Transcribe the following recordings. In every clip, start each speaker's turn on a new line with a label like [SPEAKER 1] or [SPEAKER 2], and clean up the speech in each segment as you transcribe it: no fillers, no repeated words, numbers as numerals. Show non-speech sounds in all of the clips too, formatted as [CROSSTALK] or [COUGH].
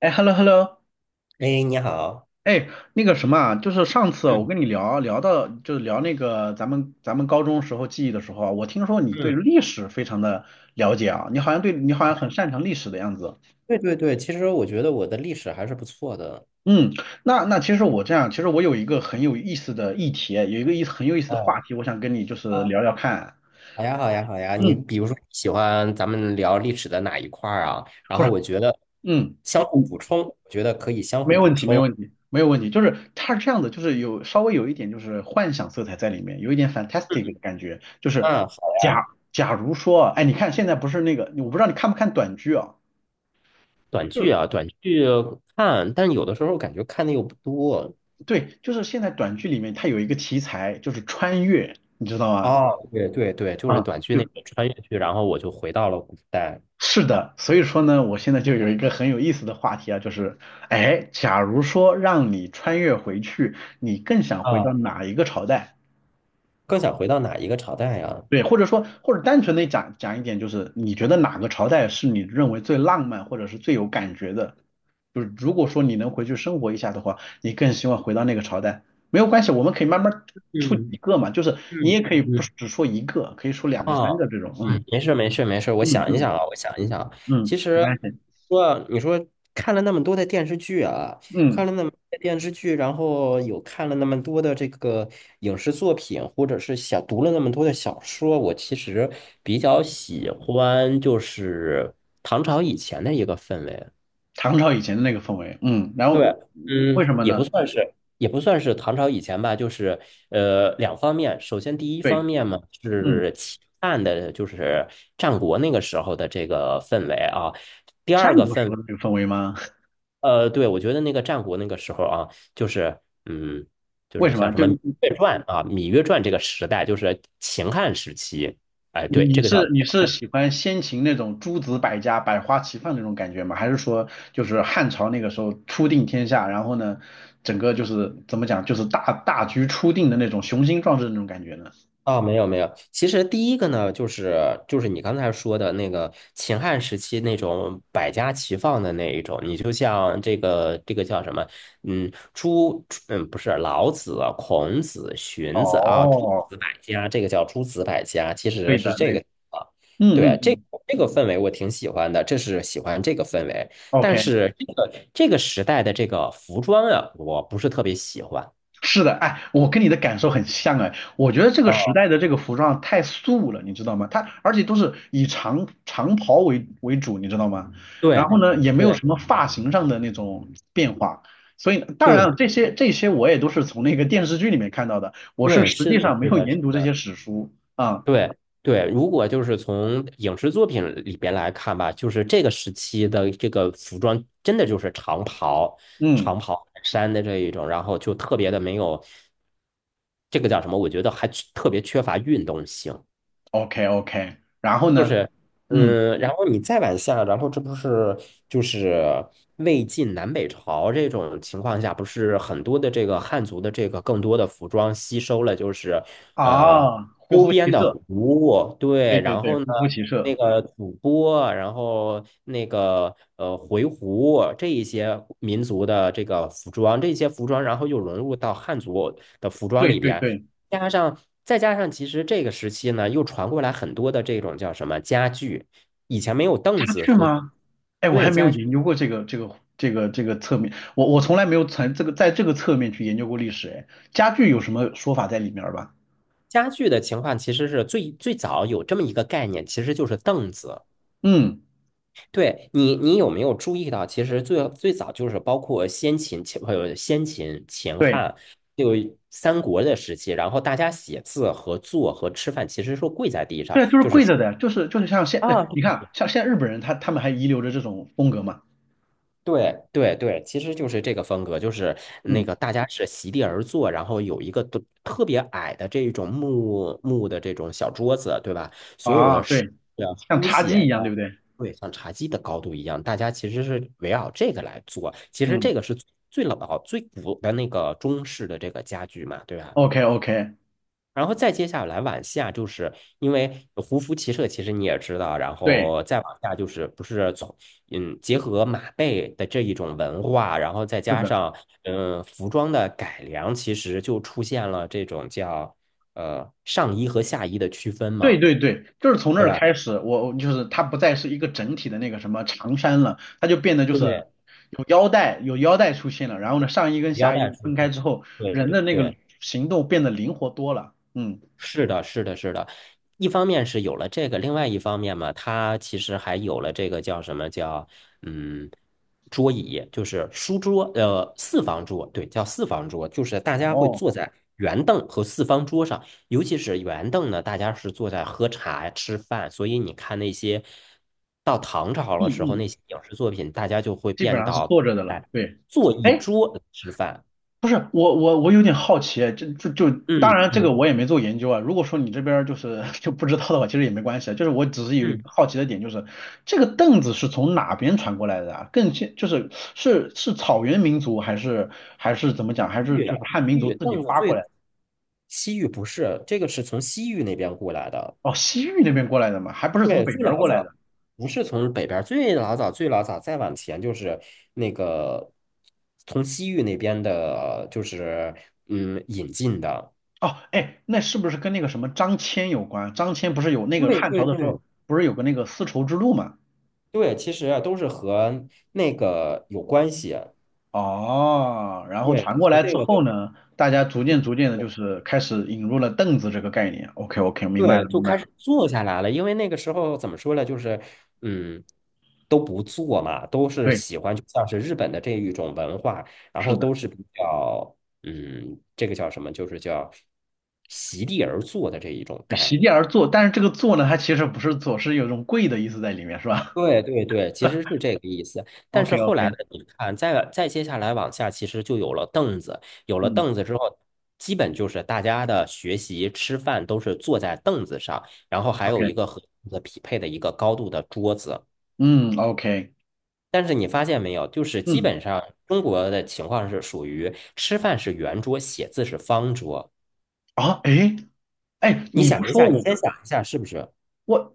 [SPEAKER 1] 哎，hello hello，
[SPEAKER 2] 哎，你好。
[SPEAKER 1] 哎，那个什么啊，就是上次我
[SPEAKER 2] 嗯
[SPEAKER 1] 跟你聊到，就是聊那个咱们高中时候记忆的时候啊，我听说你对
[SPEAKER 2] 嗯
[SPEAKER 1] 历史非常的了解啊，你好像很擅长历史的样子。
[SPEAKER 2] 对对对，其实我觉得我的历史还是不错的。
[SPEAKER 1] 嗯，那其实我这样，其实我有一个很有意思的议题，有一个意思很有意思的话
[SPEAKER 2] 嗯
[SPEAKER 1] 题，我想跟你就是
[SPEAKER 2] 啊，
[SPEAKER 1] 聊聊看啊。
[SPEAKER 2] 好呀好呀好呀，你
[SPEAKER 1] 嗯，
[SPEAKER 2] 比如说喜欢咱们聊历史的哪一块儿啊？然
[SPEAKER 1] 不
[SPEAKER 2] 后
[SPEAKER 1] 是，
[SPEAKER 2] 我觉得
[SPEAKER 1] 嗯
[SPEAKER 2] 相互
[SPEAKER 1] 嗯。你
[SPEAKER 2] 补充，我觉得可以相
[SPEAKER 1] 没
[SPEAKER 2] 互
[SPEAKER 1] 有问
[SPEAKER 2] 补
[SPEAKER 1] 题，没有
[SPEAKER 2] 充。
[SPEAKER 1] 问题，没有问题。就是它是这样的，就是有稍微有一点就是幻想色彩在里面，有一点 fantastic 的感觉。就是
[SPEAKER 2] 嗯，好呀。
[SPEAKER 1] 假假如说啊，哎，你看现在不是那个，我不知道你看不看短剧啊？
[SPEAKER 2] 短
[SPEAKER 1] 就
[SPEAKER 2] 剧
[SPEAKER 1] 是
[SPEAKER 2] 啊，短剧看，但有的时候感觉看的又不多。
[SPEAKER 1] 对，就是现在短剧里面它有一个题材就是穿越，你知道吗？
[SPEAKER 2] 哦，对对对，就是
[SPEAKER 1] 啊、
[SPEAKER 2] 短剧那
[SPEAKER 1] 就
[SPEAKER 2] 个穿越剧，然后我就回到了古代。
[SPEAKER 1] 是的。所以说呢，我现在就有一个很有意思的话题啊，就是哎，假如说让你穿越回去，你更想回到
[SPEAKER 2] 啊，
[SPEAKER 1] 哪一个朝代？
[SPEAKER 2] 更想回到哪一个朝代呀？
[SPEAKER 1] 对，或者说，或者单纯的讲讲一点，就是你觉得哪个朝代是你认为最浪漫或者是最有感觉的？就是如果说你能回去生活一下的话，你更希望回到那个朝代。没有关系，我们可以慢慢出几
[SPEAKER 2] 嗯
[SPEAKER 1] 个嘛，就是你
[SPEAKER 2] 嗯
[SPEAKER 1] 也可以
[SPEAKER 2] 嗯
[SPEAKER 1] 不
[SPEAKER 2] 嗯，
[SPEAKER 1] 只说一个，可以说两个、
[SPEAKER 2] 啊。
[SPEAKER 1] 三个这种。
[SPEAKER 2] 嗯，
[SPEAKER 1] 嗯
[SPEAKER 2] 没事儿没事儿没事儿，我
[SPEAKER 1] 嗯
[SPEAKER 2] 想一
[SPEAKER 1] 嗯
[SPEAKER 2] 想啊，我想一想啊。其
[SPEAKER 1] 嗯，没
[SPEAKER 2] 实
[SPEAKER 1] 关系。
[SPEAKER 2] 说你说看了那么多的电视剧啊，
[SPEAKER 1] 嗯，
[SPEAKER 2] 看了那么多的电视剧，然后有看了那么多的这个影视作品，或者是想读了那么多的小说，我其实比较喜欢就是唐朝以前的一个氛围。
[SPEAKER 1] 唐朝以前的那个氛围。嗯，然
[SPEAKER 2] 对，
[SPEAKER 1] 后为什
[SPEAKER 2] 嗯，
[SPEAKER 1] 么
[SPEAKER 2] 也不
[SPEAKER 1] 呢？
[SPEAKER 2] 算是，也不算是唐朝以前吧，就是两方面。首先，第一方
[SPEAKER 1] 对，
[SPEAKER 2] 面嘛
[SPEAKER 1] 嗯，
[SPEAKER 2] 是秦汉的，就是战国那个时候的这个氛围啊。第
[SPEAKER 1] 战
[SPEAKER 2] 二个
[SPEAKER 1] 国时
[SPEAKER 2] 氛，
[SPEAKER 1] 候的那个氛围吗？
[SPEAKER 2] 对，我觉得那个战国那个时候啊，就是嗯，
[SPEAKER 1] [LAUGHS]
[SPEAKER 2] 就
[SPEAKER 1] 为
[SPEAKER 2] 是
[SPEAKER 1] 什
[SPEAKER 2] 像
[SPEAKER 1] 么？
[SPEAKER 2] 什
[SPEAKER 1] 就
[SPEAKER 2] 么《芈月传》啊，《芈月传》这个时代，就是秦汉时期。哎，
[SPEAKER 1] 你
[SPEAKER 2] 对，
[SPEAKER 1] 你
[SPEAKER 2] 这个叫。
[SPEAKER 1] 是你是喜欢先秦那种诸子百家、百花齐放那种感觉吗？还是说就是汉朝那个时候初定天下，然后呢，整个就是怎么讲，就是大局初定的那种雄心壮志的那种感觉呢？
[SPEAKER 2] 啊、没有没有，其实第一个呢，就是就是你刚才说的那个秦汉时期那种百家齐放的那一种，你就像这个这个叫什么，不是老子、孔子、荀子啊，诸
[SPEAKER 1] 哦，
[SPEAKER 2] 子百家，这个叫诸子百家，其
[SPEAKER 1] 对
[SPEAKER 2] 实
[SPEAKER 1] 的，
[SPEAKER 2] 是这
[SPEAKER 1] 对的，
[SPEAKER 2] 个。啊，
[SPEAKER 1] 嗯
[SPEAKER 2] 对，
[SPEAKER 1] 嗯嗯
[SPEAKER 2] 这个氛围我挺喜欢的，这是喜欢这个氛围，但
[SPEAKER 1] ，OK。
[SPEAKER 2] 是这个这个时代的这个服装啊，我不是特别喜欢。
[SPEAKER 1] 是的，哎，我跟你的感受很像哎，我觉得这个时
[SPEAKER 2] 啊。
[SPEAKER 1] 代的这个服装太素了，你知道吗？它而且都是以长袍为主，你知道吗？
[SPEAKER 2] 对
[SPEAKER 1] 然后呢，也没有
[SPEAKER 2] 对
[SPEAKER 1] 什么发型上的那种变化，所以当
[SPEAKER 2] 对
[SPEAKER 1] 然了，这些我也都是从那个电视剧里面看到的，我是
[SPEAKER 2] 对，
[SPEAKER 1] 实
[SPEAKER 2] 是
[SPEAKER 1] 际
[SPEAKER 2] 的，
[SPEAKER 1] 上没
[SPEAKER 2] 是
[SPEAKER 1] 有
[SPEAKER 2] 的，是
[SPEAKER 1] 研读这
[SPEAKER 2] 的，
[SPEAKER 1] 些史书啊，
[SPEAKER 2] 对对。如果就是从影视作品里边来看吧，就是这个时期的这个服装，真的就是长袍、
[SPEAKER 1] 嗯
[SPEAKER 2] 长袍衫的这一种，然后就特别的没有。这个叫什么？我觉得还缺特别缺乏运动性。
[SPEAKER 1] ，OK OK，然后
[SPEAKER 2] 就
[SPEAKER 1] 呢，
[SPEAKER 2] 是，
[SPEAKER 1] 嗯
[SPEAKER 2] 嗯，然后你再往下，然后这不是就是魏晋南北朝这种情况下，不是很多的这个汉族的这个更多的服装吸收了，就是呃
[SPEAKER 1] 啊，胡
[SPEAKER 2] 周
[SPEAKER 1] 服
[SPEAKER 2] 边
[SPEAKER 1] 骑
[SPEAKER 2] 的
[SPEAKER 1] 射，
[SPEAKER 2] 胡，
[SPEAKER 1] 对
[SPEAKER 2] 对，
[SPEAKER 1] 对
[SPEAKER 2] 然
[SPEAKER 1] 对，
[SPEAKER 2] 后呢
[SPEAKER 1] 胡服骑
[SPEAKER 2] 那
[SPEAKER 1] 射，
[SPEAKER 2] 个吐蕃，然后那个回鹘这一些民族的这个服装，这些服装然后又融入到汉族的服装
[SPEAKER 1] 对
[SPEAKER 2] 里
[SPEAKER 1] 对
[SPEAKER 2] 边。
[SPEAKER 1] 对。
[SPEAKER 2] 加上再加上，其实这个时期呢，又传过来很多的这种叫什么家具，以前没有
[SPEAKER 1] 家
[SPEAKER 2] 凳子
[SPEAKER 1] 具
[SPEAKER 2] 和
[SPEAKER 1] 吗？哎，我还
[SPEAKER 2] 对
[SPEAKER 1] 没有
[SPEAKER 2] 家具。
[SPEAKER 1] 研究过这个侧面，我从来没有从这个在这个侧面去研究过历史。哎，家具有什么说法在里面儿吧？
[SPEAKER 2] 家具的情况其实是最最早有这么一个概念，其实就是凳子。
[SPEAKER 1] 嗯，
[SPEAKER 2] 对你，你有没有注意到，其实最最早就是包括先秦、先秦、秦
[SPEAKER 1] 对，
[SPEAKER 2] 汉，就三国的时期，然后大家写字和坐和吃饭其实是跪在地上，
[SPEAKER 1] 对，就是
[SPEAKER 2] 就是
[SPEAKER 1] 跪着的，就是像现，哎你看
[SPEAKER 2] 啊
[SPEAKER 1] 啊像现在日本人他们还遗留着这种风格嘛？
[SPEAKER 2] 对对对，其实就是这个风格，就是那
[SPEAKER 1] 嗯，
[SPEAKER 2] 个大家是席地而坐，然后有一个都特别矮的这种木木的这种小桌子，对吧？所有
[SPEAKER 1] 啊，
[SPEAKER 2] 的书
[SPEAKER 1] 对，
[SPEAKER 2] 呀、
[SPEAKER 1] 像
[SPEAKER 2] 书
[SPEAKER 1] 茶几
[SPEAKER 2] 写
[SPEAKER 1] 一
[SPEAKER 2] 呀，
[SPEAKER 1] 样，对不对？
[SPEAKER 2] 对，像茶几的高度一样，大家其实是围绕这个来做。其实
[SPEAKER 1] 嗯
[SPEAKER 2] 这个是最老、最古的那个中式的这个家具嘛，对吧？
[SPEAKER 1] ，OK OK，
[SPEAKER 2] 然后再接下来往下，就是因为胡服骑射，其实你也知道，然
[SPEAKER 1] 对，
[SPEAKER 2] 后再往下就是不是从嗯结合马背的这一种文化，然后再
[SPEAKER 1] 是
[SPEAKER 2] 加
[SPEAKER 1] 的。
[SPEAKER 2] 上服装的改良，其实就出现了这种叫上衣和下衣的区分
[SPEAKER 1] 对
[SPEAKER 2] 嘛，
[SPEAKER 1] 对对，就是从那
[SPEAKER 2] 对
[SPEAKER 1] 儿
[SPEAKER 2] 吧？
[SPEAKER 1] 开始，我就是它不再是一个整体的那个什么长衫了，它就变得就是
[SPEAKER 2] 对，
[SPEAKER 1] 有腰带出现了，然后呢，上衣跟
[SPEAKER 2] 腰
[SPEAKER 1] 下衣
[SPEAKER 2] 带出
[SPEAKER 1] 分开
[SPEAKER 2] 去。
[SPEAKER 1] 之后，
[SPEAKER 2] 对
[SPEAKER 1] 人
[SPEAKER 2] 对
[SPEAKER 1] 的那个
[SPEAKER 2] 对，
[SPEAKER 1] 行动变得灵活多了。嗯，
[SPEAKER 2] 是的，是的，是的。一方面是有了这个，另外一方面嘛，它其实还有了这个叫什么叫嗯桌椅，就是书桌，四方桌，对，叫四方桌，就是大家会
[SPEAKER 1] 哦，
[SPEAKER 2] 坐在圆凳和四方桌上，尤其是圆凳呢，大家是坐在喝茶吃饭，所以你看那些到唐朝
[SPEAKER 1] 嗯
[SPEAKER 2] 的时候
[SPEAKER 1] 嗯，
[SPEAKER 2] 那些影视作品，大家就会
[SPEAKER 1] 基本
[SPEAKER 2] 变
[SPEAKER 1] 上是
[SPEAKER 2] 到
[SPEAKER 1] 坐着的了。
[SPEAKER 2] 哎
[SPEAKER 1] 对，
[SPEAKER 2] 坐一
[SPEAKER 1] 哎，
[SPEAKER 2] 桌吃饭，
[SPEAKER 1] 不是我有点好奇，就当
[SPEAKER 2] 嗯
[SPEAKER 1] 然这个
[SPEAKER 2] 嗯
[SPEAKER 1] 我也没做研究啊。如果说你这边儿就是 [LAUGHS] 就不知道的话，其实也没关系啊。就是我只是有一
[SPEAKER 2] 嗯。
[SPEAKER 1] 个好奇的点，就是这个凳子是从哪边传过来的啊？更先就是是草原民族还是怎么讲？还是
[SPEAKER 2] 域，
[SPEAKER 1] 就是汉民
[SPEAKER 2] 西
[SPEAKER 1] 族
[SPEAKER 2] 域
[SPEAKER 1] 自己
[SPEAKER 2] 藏的
[SPEAKER 1] 发过
[SPEAKER 2] 最
[SPEAKER 1] 来的？
[SPEAKER 2] 西域不是，这个是从西域那边过来的，
[SPEAKER 1] 哦，西域那边过来的嘛，还不是从
[SPEAKER 2] 对，
[SPEAKER 1] 北
[SPEAKER 2] 最
[SPEAKER 1] 边儿
[SPEAKER 2] 老
[SPEAKER 1] 过来
[SPEAKER 2] 早
[SPEAKER 1] 的？
[SPEAKER 2] 不是从北边，最老早最老早再往前就是那个从西域那边的，就是嗯引进的，
[SPEAKER 1] 哦，哎，那是不是跟那个什么张骞有关？张骞不是有那个
[SPEAKER 2] 对
[SPEAKER 1] 汉
[SPEAKER 2] 对
[SPEAKER 1] 朝的时候
[SPEAKER 2] 对
[SPEAKER 1] 不是有个那个丝绸之路嘛？
[SPEAKER 2] 对，其实啊都是和那个有关系，
[SPEAKER 1] 哦，然后传
[SPEAKER 2] 对，
[SPEAKER 1] 过
[SPEAKER 2] 和
[SPEAKER 1] 来之
[SPEAKER 2] 这个都。
[SPEAKER 1] 后呢，大家逐渐逐渐的，就是开始引入了凳子这个概念。OK OK，明白了
[SPEAKER 2] 对，就
[SPEAKER 1] 明白
[SPEAKER 2] 开
[SPEAKER 1] 了，
[SPEAKER 2] 始坐下来了。因为那个时候怎么说呢，就是嗯，都不做嘛，都是
[SPEAKER 1] 对，
[SPEAKER 2] 喜欢，就像是日本的这一种文化，然
[SPEAKER 1] 是
[SPEAKER 2] 后
[SPEAKER 1] 的，
[SPEAKER 2] 都是比较嗯，这个叫什么，就是叫席地而坐的这一种概
[SPEAKER 1] 席地而
[SPEAKER 2] 念。
[SPEAKER 1] 坐，但是这个坐呢，它其实不是坐，是有一种跪的意思在里面，是吧
[SPEAKER 2] 对对对，其实
[SPEAKER 1] [LAUGHS]
[SPEAKER 2] 是这个意思。但
[SPEAKER 1] ？OK
[SPEAKER 2] 是后来
[SPEAKER 1] OK，
[SPEAKER 2] 呢，你看，再接下来往下，其实就有了凳子。有了
[SPEAKER 1] 嗯
[SPEAKER 2] 凳子之后，基本就是大家的学习、吃饭都是坐在凳子上，然后还有
[SPEAKER 1] ，OK，
[SPEAKER 2] 一个和凳子匹配的一个高度的桌子。
[SPEAKER 1] 嗯，OK，
[SPEAKER 2] 但是你发现没有，就是基
[SPEAKER 1] 嗯，
[SPEAKER 2] 本上中国的情况是属于吃饭是圆桌，写字是方桌。
[SPEAKER 1] 啊，哎哎，
[SPEAKER 2] 你
[SPEAKER 1] 你不
[SPEAKER 2] 想一
[SPEAKER 1] 说
[SPEAKER 2] 下，你
[SPEAKER 1] 我
[SPEAKER 2] 先
[SPEAKER 1] 跟
[SPEAKER 2] 想一下是不是？
[SPEAKER 1] 我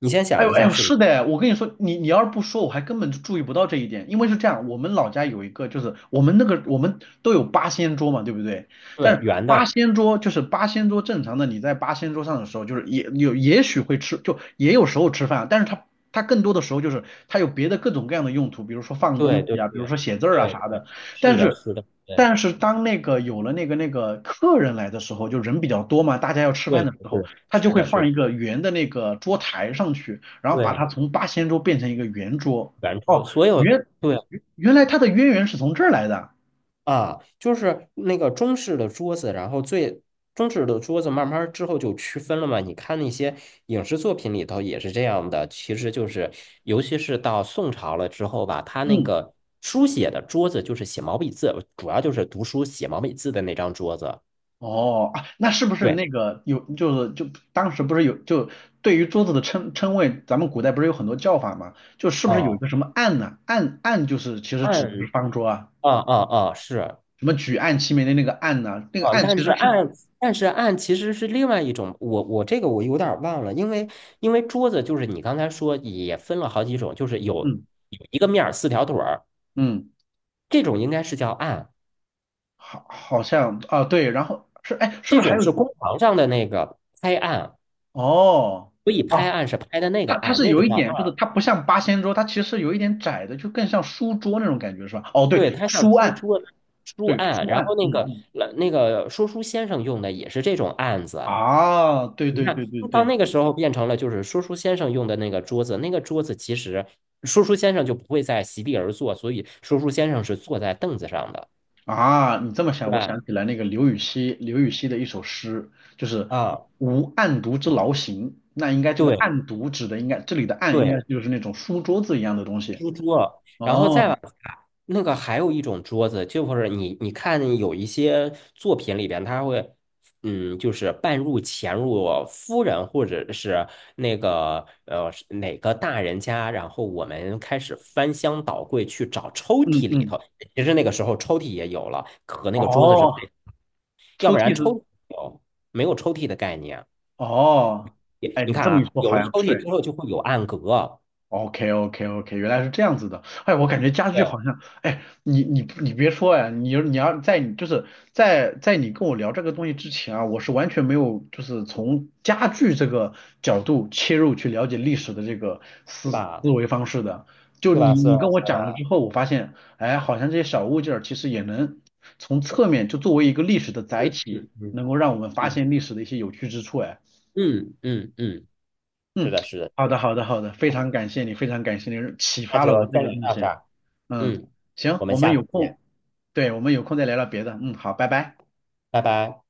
[SPEAKER 2] 你先
[SPEAKER 1] 哎
[SPEAKER 2] 想
[SPEAKER 1] 呦
[SPEAKER 2] 一
[SPEAKER 1] 哎
[SPEAKER 2] 下
[SPEAKER 1] 呦，
[SPEAKER 2] 是不是？
[SPEAKER 1] 是的，我跟你说，你要是不说，我还根本就注意不到这一点。因为是这样，我们老家有一个，就是我们都有八仙桌嘛，对不对？但
[SPEAKER 2] 对，
[SPEAKER 1] 是
[SPEAKER 2] 圆
[SPEAKER 1] 八
[SPEAKER 2] 的，
[SPEAKER 1] 仙桌就是八仙桌，正常的你在八仙桌上的时候，就是也有也许会吃，就也有时候吃饭，但是它更多的时候就是它有别的各种各样的用途，比如说放东
[SPEAKER 2] 对
[SPEAKER 1] 西
[SPEAKER 2] 对
[SPEAKER 1] 啊，比如
[SPEAKER 2] 对
[SPEAKER 1] 说写字儿啊
[SPEAKER 2] 对
[SPEAKER 1] 啥
[SPEAKER 2] 对，
[SPEAKER 1] 的。但
[SPEAKER 2] 是的，
[SPEAKER 1] 是
[SPEAKER 2] 是的，对。
[SPEAKER 1] 但是当那个有了那个客人来的时候，就人比较多嘛，大家要吃饭
[SPEAKER 2] 对，
[SPEAKER 1] 的时候。
[SPEAKER 2] 是
[SPEAKER 1] 他就
[SPEAKER 2] 是
[SPEAKER 1] 会
[SPEAKER 2] 的，是
[SPEAKER 1] 放
[SPEAKER 2] 的，
[SPEAKER 1] 一个圆的那个桌台上去，然后把
[SPEAKER 2] 对，
[SPEAKER 1] 它从八仙桌变成一个圆桌。
[SPEAKER 2] 圆桌，
[SPEAKER 1] 哦，
[SPEAKER 2] 所有
[SPEAKER 1] 原
[SPEAKER 2] 对
[SPEAKER 1] 原来它的渊源是从这儿来的。
[SPEAKER 2] 啊，就是那个中式的桌子，然后最中式的桌子慢慢儿之后就区分了嘛。你看那些影视作品里头也是这样的，其实就是尤其是到宋朝了之后吧，他那
[SPEAKER 1] 嗯，
[SPEAKER 2] 个书写的桌子就是写毛笔字，主要就是读书写毛笔字的那张桌子。
[SPEAKER 1] 哦啊，那是不是
[SPEAKER 2] 对，
[SPEAKER 1] 那个有就是就当时不是有就对于桌子的称谓，咱们古代不是有很多叫法吗？就是不是有一
[SPEAKER 2] 啊，
[SPEAKER 1] 个什么案呢、案就是其实指的是
[SPEAKER 2] 按
[SPEAKER 1] 方桌啊，
[SPEAKER 2] 啊啊是
[SPEAKER 1] 什么举案齐眉的那个案呢、那个
[SPEAKER 2] 啊，
[SPEAKER 1] 案其实是
[SPEAKER 2] 但是案其实是另外一种，我这个我有点儿忘了，因为因为桌子就是你刚才说也分了好几种，就是有
[SPEAKER 1] 嗯
[SPEAKER 2] 有一个面儿四条腿儿，
[SPEAKER 1] 嗯，
[SPEAKER 2] 这种应该是叫案，
[SPEAKER 1] 好像啊对，然后是哎是
[SPEAKER 2] 这
[SPEAKER 1] 不是还
[SPEAKER 2] 种
[SPEAKER 1] 有
[SPEAKER 2] 是工堂上的那个拍案，
[SPEAKER 1] 哦？
[SPEAKER 2] 所以拍
[SPEAKER 1] 哦，
[SPEAKER 2] 案是拍的那个
[SPEAKER 1] 它
[SPEAKER 2] 案，
[SPEAKER 1] 是
[SPEAKER 2] 那个
[SPEAKER 1] 有一
[SPEAKER 2] 叫
[SPEAKER 1] 点，就是
[SPEAKER 2] 案，
[SPEAKER 1] 它不像八仙桌，它其实有一点窄的，就更像书桌那种感觉，是吧？哦，对，
[SPEAKER 2] 对，它像
[SPEAKER 1] 书
[SPEAKER 2] 书
[SPEAKER 1] 案，
[SPEAKER 2] 桌书
[SPEAKER 1] 对，
[SPEAKER 2] 案，
[SPEAKER 1] 书
[SPEAKER 2] 然
[SPEAKER 1] 案，
[SPEAKER 2] 后那
[SPEAKER 1] 嗯
[SPEAKER 2] 个
[SPEAKER 1] 嗯，
[SPEAKER 2] 那个说书先生用的也是这种案子，
[SPEAKER 1] 啊，对
[SPEAKER 2] 你
[SPEAKER 1] 对对
[SPEAKER 2] 看，
[SPEAKER 1] 对
[SPEAKER 2] 到
[SPEAKER 1] 对，
[SPEAKER 2] 那个时候变成了就是说书先生用的那个桌子，那个桌子其实说书先生就不会再席地而坐，所以说书先生是坐在凳子上的，
[SPEAKER 1] 啊，你这么
[SPEAKER 2] 对
[SPEAKER 1] 想，我
[SPEAKER 2] 吧？
[SPEAKER 1] 想起来那个刘禹锡，刘禹锡的一首诗，就是
[SPEAKER 2] 啊，
[SPEAKER 1] “无案牍之劳形"，那应该这个
[SPEAKER 2] 对
[SPEAKER 1] 案牍指的应该这里的案应该
[SPEAKER 2] 对。
[SPEAKER 1] 就是那种书桌子一样的东西。
[SPEAKER 2] 书桌，然后再往
[SPEAKER 1] 哦，
[SPEAKER 2] 下，那个还有一种桌子，就是你你看有一些作品里边，它会，嗯，就是半入潜入夫人或者是那个是哪个大人家，然后我们开始翻箱倒柜去找抽
[SPEAKER 1] 嗯
[SPEAKER 2] 屉里
[SPEAKER 1] 嗯，
[SPEAKER 2] 头。其实那个时候抽屉也有了，和那个桌子是
[SPEAKER 1] 哦，
[SPEAKER 2] 配，要
[SPEAKER 1] 抽
[SPEAKER 2] 不然
[SPEAKER 1] 屉
[SPEAKER 2] 抽
[SPEAKER 1] 是，
[SPEAKER 2] 屉有没有抽屉的概念？
[SPEAKER 1] 哦，
[SPEAKER 2] 也
[SPEAKER 1] 哎，
[SPEAKER 2] 你
[SPEAKER 1] 你
[SPEAKER 2] 看
[SPEAKER 1] 这么一
[SPEAKER 2] 啊，
[SPEAKER 1] 说
[SPEAKER 2] 有
[SPEAKER 1] 好
[SPEAKER 2] 了
[SPEAKER 1] 像
[SPEAKER 2] 抽屉
[SPEAKER 1] 是。
[SPEAKER 2] 之后就会有暗格，
[SPEAKER 1] OK OK OK，原来是这样子的。哎，我感觉家具
[SPEAKER 2] 对，
[SPEAKER 1] 好像，哎，你别说哎，你要在你就是在你跟我聊这个东西之前啊，我是完全没有就是从家具这个角度切入去了解历史的这个
[SPEAKER 2] 是
[SPEAKER 1] 思
[SPEAKER 2] 吧？
[SPEAKER 1] 思维方式的。就
[SPEAKER 2] 是
[SPEAKER 1] 你
[SPEAKER 2] 吧？是
[SPEAKER 1] 你
[SPEAKER 2] 吧？
[SPEAKER 1] 跟我
[SPEAKER 2] 是
[SPEAKER 1] 讲了之
[SPEAKER 2] 吧？
[SPEAKER 1] 后，我发现，哎，好像这些小物件儿其实也能从侧面就作为一个历史的载体，
[SPEAKER 2] 嗯嗯。
[SPEAKER 1] 能够让我们发
[SPEAKER 2] 嗯
[SPEAKER 1] 现历史的一些有趣之处。
[SPEAKER 2] 嗯嗯嗯是
[SPEAKER 1] 嗯，
[SPEAKER 2] 的，是的，
[SPEAKER 1] 好
[SPEAKER 2] 是
[SPEAKER 1] 的，
[SPEAKER 2] 的。
[SPEAKER 1] 好的，好的，非常感谢你，非常感谢你启
[SPEAKER 2] 那
[SPEAKER 1] 发
[SPEAKER 2] 就
[SPEAKER 1] 了我这
[SPEAKER 2] 先
[SPEAKER 1] 个
[SPEAKER 2] 聊
[SPEAKER 1] 东
[SPEAKER 2] 到这
[SPEAKER 1] 西。
[SPEAKER 2] 儿，
[SPEAKER 1] 嗯，
[SPEAKER 2] 嗯，
[SPEAKER 1] 行，
[SPEAKER 2] 我们
[SPEAKER 1] 我们
[SPEAKER 2] 下次
[SPEAKER 1] 有
[SPEAKER 2] 见，
[SPEAKER 1] 空，对，我们有空再聊聊别的。嗯，好，拜拜。
[SPEAKER 2] 拜拜。